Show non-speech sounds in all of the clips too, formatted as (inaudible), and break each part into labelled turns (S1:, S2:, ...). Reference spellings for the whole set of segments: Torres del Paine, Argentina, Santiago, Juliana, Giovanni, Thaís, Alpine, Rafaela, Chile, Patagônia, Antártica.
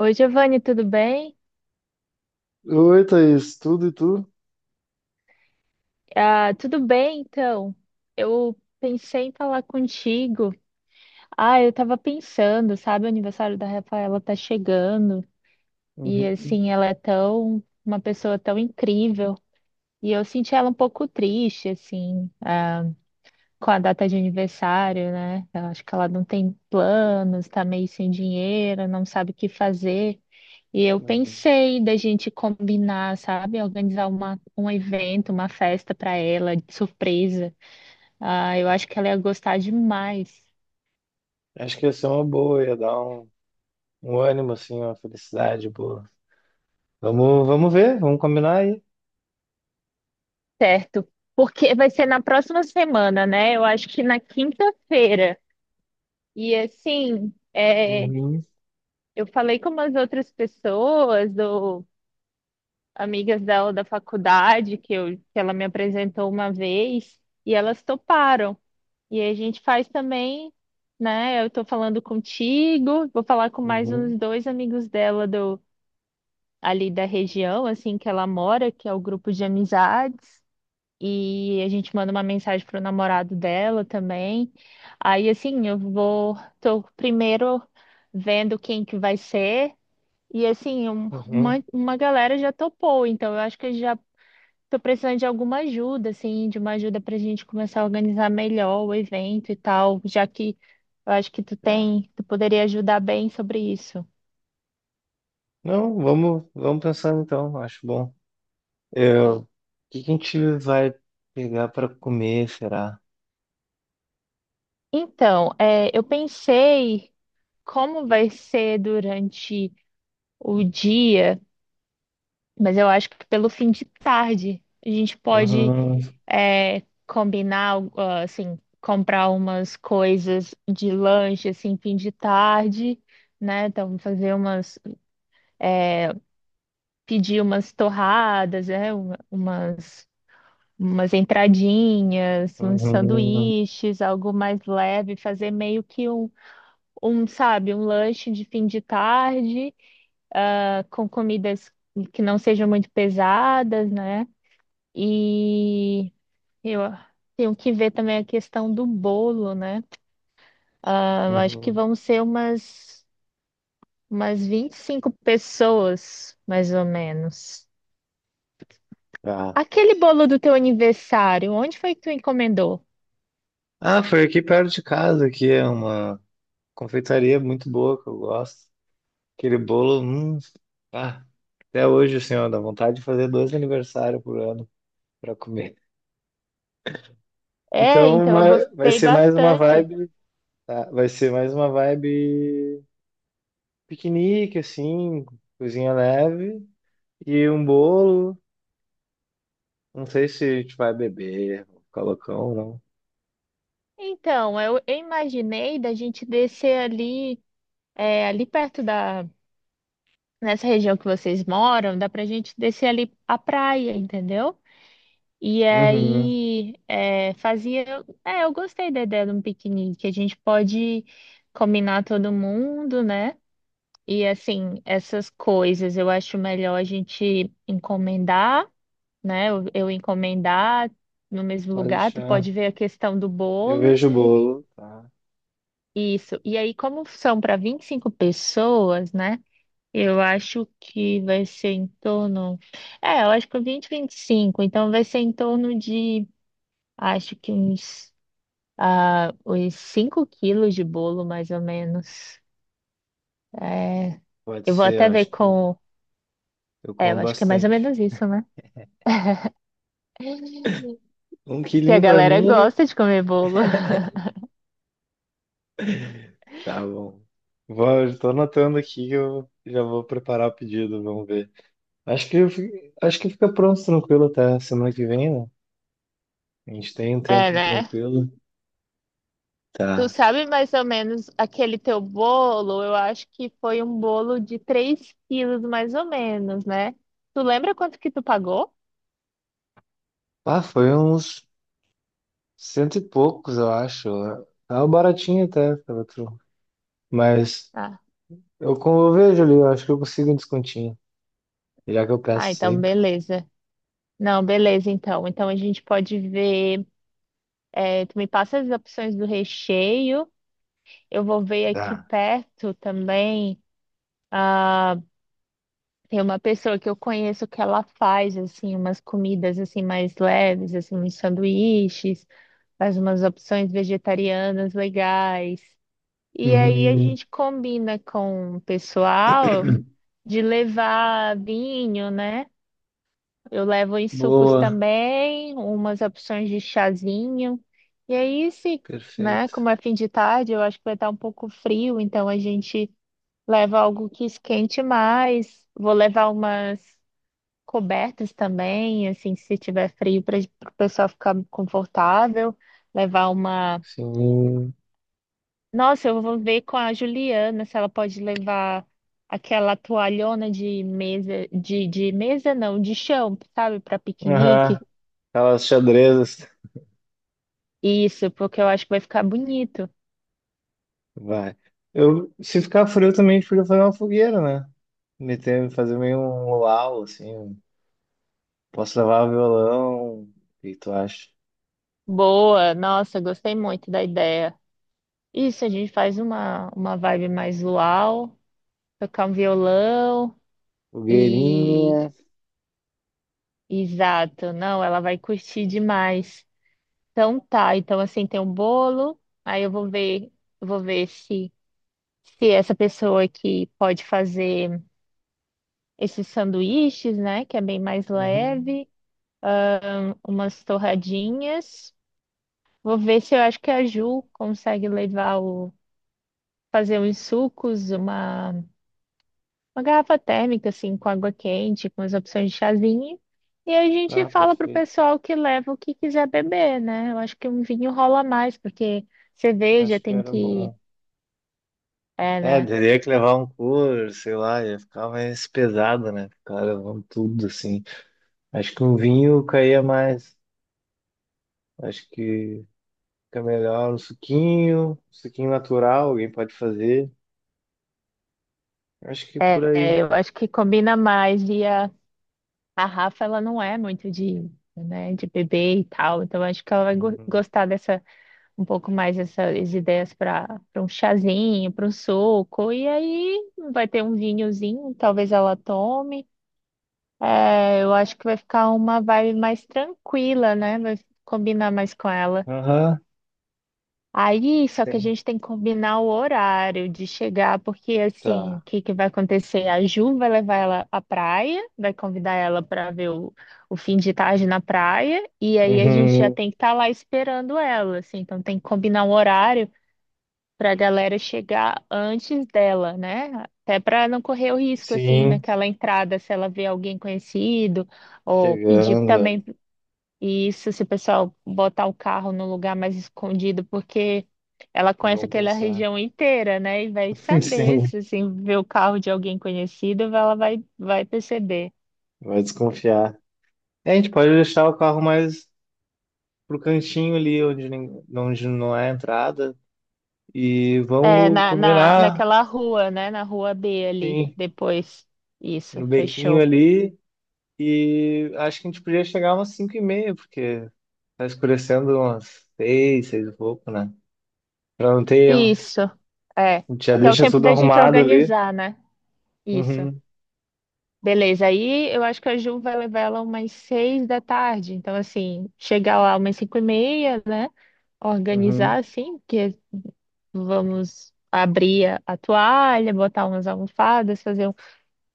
S1: Oi, Giovanni, tudo bem?
S2: Oi, Thaís, tudo e tu?
S1: Tudo bem, então. Eu pensei em falar contigo. Eu tava pensando, sabe, o aniversário da Rafaela tá chegando e
S2: Uhum,
S1: assim, ela é tão uma pessoa tão incrível. E eu senti ela um pouco triste, assim, com a data de aniversário, né? Eu acho que ela não tem planos, tá meio sem dinheiro, não sabe o que fazer. E eu
S2: uhum.
S1: pensei da gente combinar, sabe? Organizar uma, um evento, uma festa para ela, de surpresa. Eu acho que ela ia gostar demais.
S2: Acho que ia ser uma boa, ia dar um ânimo, assim, uma felicidade boa. Vamos ver, vamos combinar aí.
S1: Certo. Porque vai ser na próxima semana, né? Eu acho que na quinta-feira. E assim,
S2: Uhum,
S1: eu falei com umas outras pessoas, ou amigas dela da faculdade, que, eu, que ela me apresentou uma vez, e elas toparam. E aí a gente faz também, né? Eu tô falando contigo, vou falar com mais
S2: uhum,
S1: uns dois amigos dela do ali da região, assim, que ela mora, que é o grupo de amizades, e a gente manda uma mensagem pro namorado dela também. Aí assim, eu vou, tô primeiro vendo quem que vai ser. E assim, um-
S2: uhum.
S1: uma, uma galera já topou, então eu acho que já. Tô precisando de alguma ajuda, assim, de uma ajuda pra gente começar a organizar melhor o evento e tal, já que eu acho que tu
S2: Tá.
S1: tem, tu poderia ajudar bem sobre isso.
S2: Não, vamos pensando então, acho bom. O que que a gente vai pegar para comer, será?
S1: Então, eu pensei como vai ser durante o dia, mas eu acho que pelo fim de tarde a gente pode,
S2: Uhum,
S1: é, combinar, assim, comprar umas coisas de lanche, assim, fim de tarde, né? Então, fazer umas pedir umas torradas, umas entradinhas, uns
S2: uhum,
S1: sanduíches, algo mais leve, fazer meio que sabe, um lanche de fim de tarde, com comidas que não sejam muito pesadas, né? E eu tenho que ver também a questão do bolo, né? Eu acho que
S2: uhum.
S1: vão ser umas, umas 25 pessoas, mais ou menos.
S2: Tá.
S1: Aquele bolo do teu aniversário, onde foi que tu encomendou?
S2: Ah, foi aqui perto de casa, que é uma confeitaria muito boa que eu gosto. Aquele bolo, ah, até hoje, senhor, dá vontade de fazer dois aniversários por ano para comer.
S1: É,
S2: Então,
S1: então eu
S2: vai
S1: gostei
S2: ser mais uma
S1: bastante.
S2: vibe, tá? Vai ser mais uma vibe piquenique, assim, cozinha leve e um bolo. Não sei se a gente vai beber, ficar loucão ou não.
S1: Então, eu imaginei da gente descer ali, ali perto da, nessa região que vocês moram, dá pra gente descer ali a praia, entendeu? E
S2: Uhum,
S1: aí, é, fazia. É, eu gostei da ideia de um piquenique. A gente pode combinar todo mundo, né? E assim, essas coisas eu acho melhor a gente encomendar, né? Eu encomendar no mesmo
S2: pode
S1: lugar, tu pode
S2: deixar.
S1: ver a questão do
S2: Eu
S1: bolo.
S2: vejo o bolo, tá?
S1: Isso. E aí, como são para 25 pessoas, né? Eu acho que vai ser em torno. É, eu acho que 20, 25. Então, vai ser em torno de, acho que uns, uns 5 quilos de bolo, mais ou menos. É,
S2: Pode
S1: eu vou
S2: ser,
S1: até
S2: eu
S1: ver
S2: acho que
S1: com.
S2: eu
S1: É, eu
S2: como
S1: acho que é mais ou
S2: bastante.
S1: menos isso, né?
S2: Um
S1: Que a
S2: quilinho para
S1: galera
S2: mim.
S1: gosta de comer bolo. (laughs)
S2: Tá bom. Estou anotando aqui, que eu já vou preparar o pedido, vamos ver. Acho que fica pronto, tranquilo até semana que vem, né? A gente tem um
S1: É,
S2: tempo
S1: né?
S2: tranquilo.
S1: Tu
S2: Tá.
S1: sabe mais ou menos aquele teu bolo? Eu acho que foi um bolo de 3 quilos, mais ou menos, né? Tu lembra quanto que tu pagou?
S2: Ah, foi uns cento e poucos, eu acho. Tava baratinho até, pela tru. Mas
S1: Ah,
S2: como eu vejo ali, eu acho que eu consigo um descontinho, já que eu peço
S1: então
S2: sempre.
S1: beleza. Não, beleza, então. Então a gente pode ver. É, tu me passa as opções do recheio. Eu vou ver aqui
S2: Tá.
S1: perto também. Ah, Tem uma pessoa que eu conheço que ela faz assim umas comidas assim mais leves, assim uns sanduíches, faz umas opções vegetarianas legais. E aí a
S2: Hum,
S1: gente combina com o pessoal de levar vinho, né? Eu levo em sucos
S2: boa,
S1: também, umas opções de chazinho. E aí, se, né,
S2: perfeito.
S1: como é fim de tarde, eu acho que vai estar um pouco frio, então a gente leva algo que esquente mais. Vou levar umas cobertas também, assim, se tiver frio, para o pessoal ficar confortável. Levar uma.
S2: Sim.
S1: Nossa, eu vou ver com a Juliana se ela pode levar aquela toalhona de mesa não, de chão, sabe, para
S2: Aham,
S1: piquenique.
S2: aquelas xadrezas.
S1: Isso, porque eu acho que vai ficar bonito.
S2: Vai. Se ficar frio também, a gente podia fazer uma fogueira, né? Fazer meio um luau, assim. Posso levar o violão. O que tu acha?
S1: Boa, nossa, gostei muito da ideia. Isso, a gente faz uma vibe mais luau, tocar um violão e.
S2: Fogueirinha.
S1: Exato, não, ela vai curtir demais. Então tá, então assim tem um bolo, aí eu vou ver se. Se essa pessoa que pode fazer esses sanduíches, né, que é bem mais
S2: Uhum.
S1: leve, umas torradinhas. Vou ver se eu acho que a
S2: Tá,
S1: Ju consegue levar o fazer uns sucos, uma garrafa térmica assim com água quente, com as opções de chazinho. E a gente
S2: tá,
S1: fala pro
S2: perfeito.
S1: pessoal que leva o que quiser beber, né? Eu acho que um vinho rola mais, porque cerveja
S2: Acho que
S1: tem
S2: era
S1: que,
S2: bom.
S1: é,
S2: É,
S1: né?
S2: teria que levar um cooler sei lá, ia ficar mais pesado, né? Ficar levando tudo, assim. Acho que um vinho caía mais. Acho que fica melhor um suquinho natural, alguém pode fazer. Acho que por aí.
S1: Eu acho que combina mais e. A Rafa, ela não é muito de, né, de bebê e tal, então acho que ela vai
S2: Uhum.
S1: gostar dessa, um pouco mais dessas ideias para um chazinho, para um suco, e aí vai ter um vinhozinho, talvez ela tome. É, eu acho que vai ficar uma vibe mais tranquila, né? Vai combinar mais com ela.
S2: Aham,
S1: Aí, só que a
S2: tem.
S1: gente tem que combinar o horário de chegar, porque assim, o
S2: Tá.
S1: que que vai acontecer? A Ju vai levar ela à praia, vai convidar ela para ver o fim de tarde na praia, e aí a gente já
S2: Uhum.
S1: tem que estar lá esperando ela, assim, então tem que combinar um horário para a galera chegar antes dela, né? Até para não correr o risco, assim,
S2: Sim,
S1: naquela entrada, se ela vê alguém conhecido, ou pedir
S2: chegando.
S1: também e isso, se o pessoal botar o carro no lugar mais escondido, porque ela conhece
S2: Vamos
S1: aquela
S2: pensar.
S1: região inteira, né? E vai
S2: (laughs)
S1: saber,
S2: Sim,
S1: se assim, ver o carro de alguém conhecido, ela vai, perceber.
S2: vai desconfiar. É, a gente pode deixar o carro mais pro cantinho ali, onde não é a entrada. E
S1: É,
S2: vamos
S1: na, na,
S2: combinar,
S1: naquela rua, né? Na rua B ali,
S2: sim,
S1: depois. Isso,
S2: no bequinho
S1: fechou.
S2: ali. E acho que a gente podia chegar umas 5:30, porque tá escurecendo umas 6, 6 e pouco, né? Pra não ter erro.
S1: Isso, é.
S2: A gente já
S1: Que é o
S2: deixa
S1: tempo
S2: tudo
S1: da gente
S2: arrumado ali.
S1: organizar, né? Isso.
S2: Uhum,
S1: Beleza, aí eu acho que a Ju vai levar ela umas 6 da tarde. Então, assim, chegar lá umas 5h30, né? Organizar
S2: uhum,
S1: assim, porque vamos abrir a toalha, botar umas almofadas, fazer um.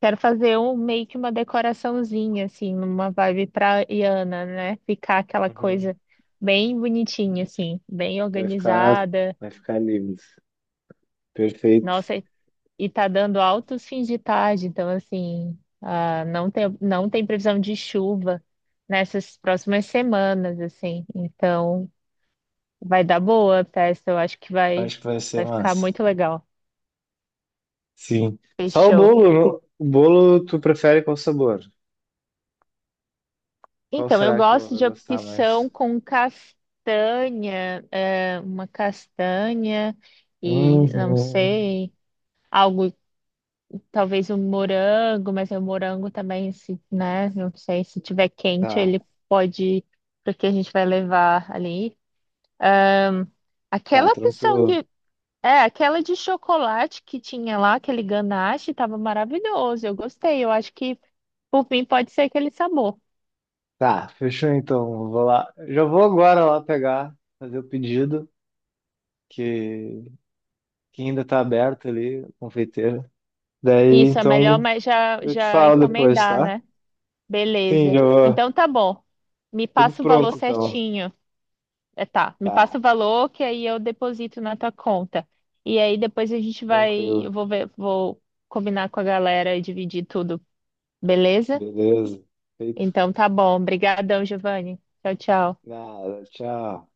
S1: Quero fazer um meio que uma decoraçãozinha, assim, numa vibe praiana, né? Ficar aquela
S2: uhum.
S1: coisa bem bonitinha, assim, bem
S2: Vai ficar,
S1: organizada.
S2: vai ficar lindo. Perfeito.
S1: Nossa, e tá dando altos fins de tarde, então assim, não tem previsão de chuva nessas próximas semanas, assim. Então, vai dar boa a festa, eu acho que vai,
S2: Acho que vai ser
S1: vai ficar
S2: massa.
S1: muito legal.
S2: Sim. Só o
S1: Fechou.
S2: bolo, não? O bolo tu prefere qual sabor? Qual
S1: Então, eu
S2: será que ela
S1: gosto
S2: vai
S1: de
S2: gostar
S1: opção
S2: mais?
S1: com castanha, uma castanha e não
S2: Uhum.
S1: sei, algo, talvez um morango, mas o morango também, se, né? Não sei, se tiver quente,
S2: Tá,
S1: ele pode, porque a gente vai levar ali.
S2: tá,
S1: Aquela opção
S2: tranquilo.
S1: que, aquela de chocolate que tinha lá, aquele ganache, estava maravilhoso. Eu gostei. Eu acho que, por mim, pode ser aquele sabor.
S2: Tá, fechou então. Vou lá. Já vou agora lá pegar, fazer o pedido, que, que ainda tá aberto ali, a confeiteira. Daí,
S1: Isso, é melhor,
S2: então,
S1: mas já,
S2: eu te
S1: já
S2: falo depois,
S1: encomendar,
S2: tá?
S1: né?
S2: Sim,
S1: Beleza.
S2: já vou.
S1: Então tá bom. Me
S2: Tudo
S1: passa o valor
S2: pronto então.
S1: certinho. É, tá. Me
S2: Tá,
S1: passa o valor que aí eu deposito na tua conta. E aí depois a gente vai. Eu
S2: tranquilo.
S1: vou ver, vou combinar com a galera e dividir tudo. Beleza?
S2: Beleza. Feito.
S1: Então tá bom. Obrigadão, Giovanni. Tchau, tchau.
S2: Nada, tchau.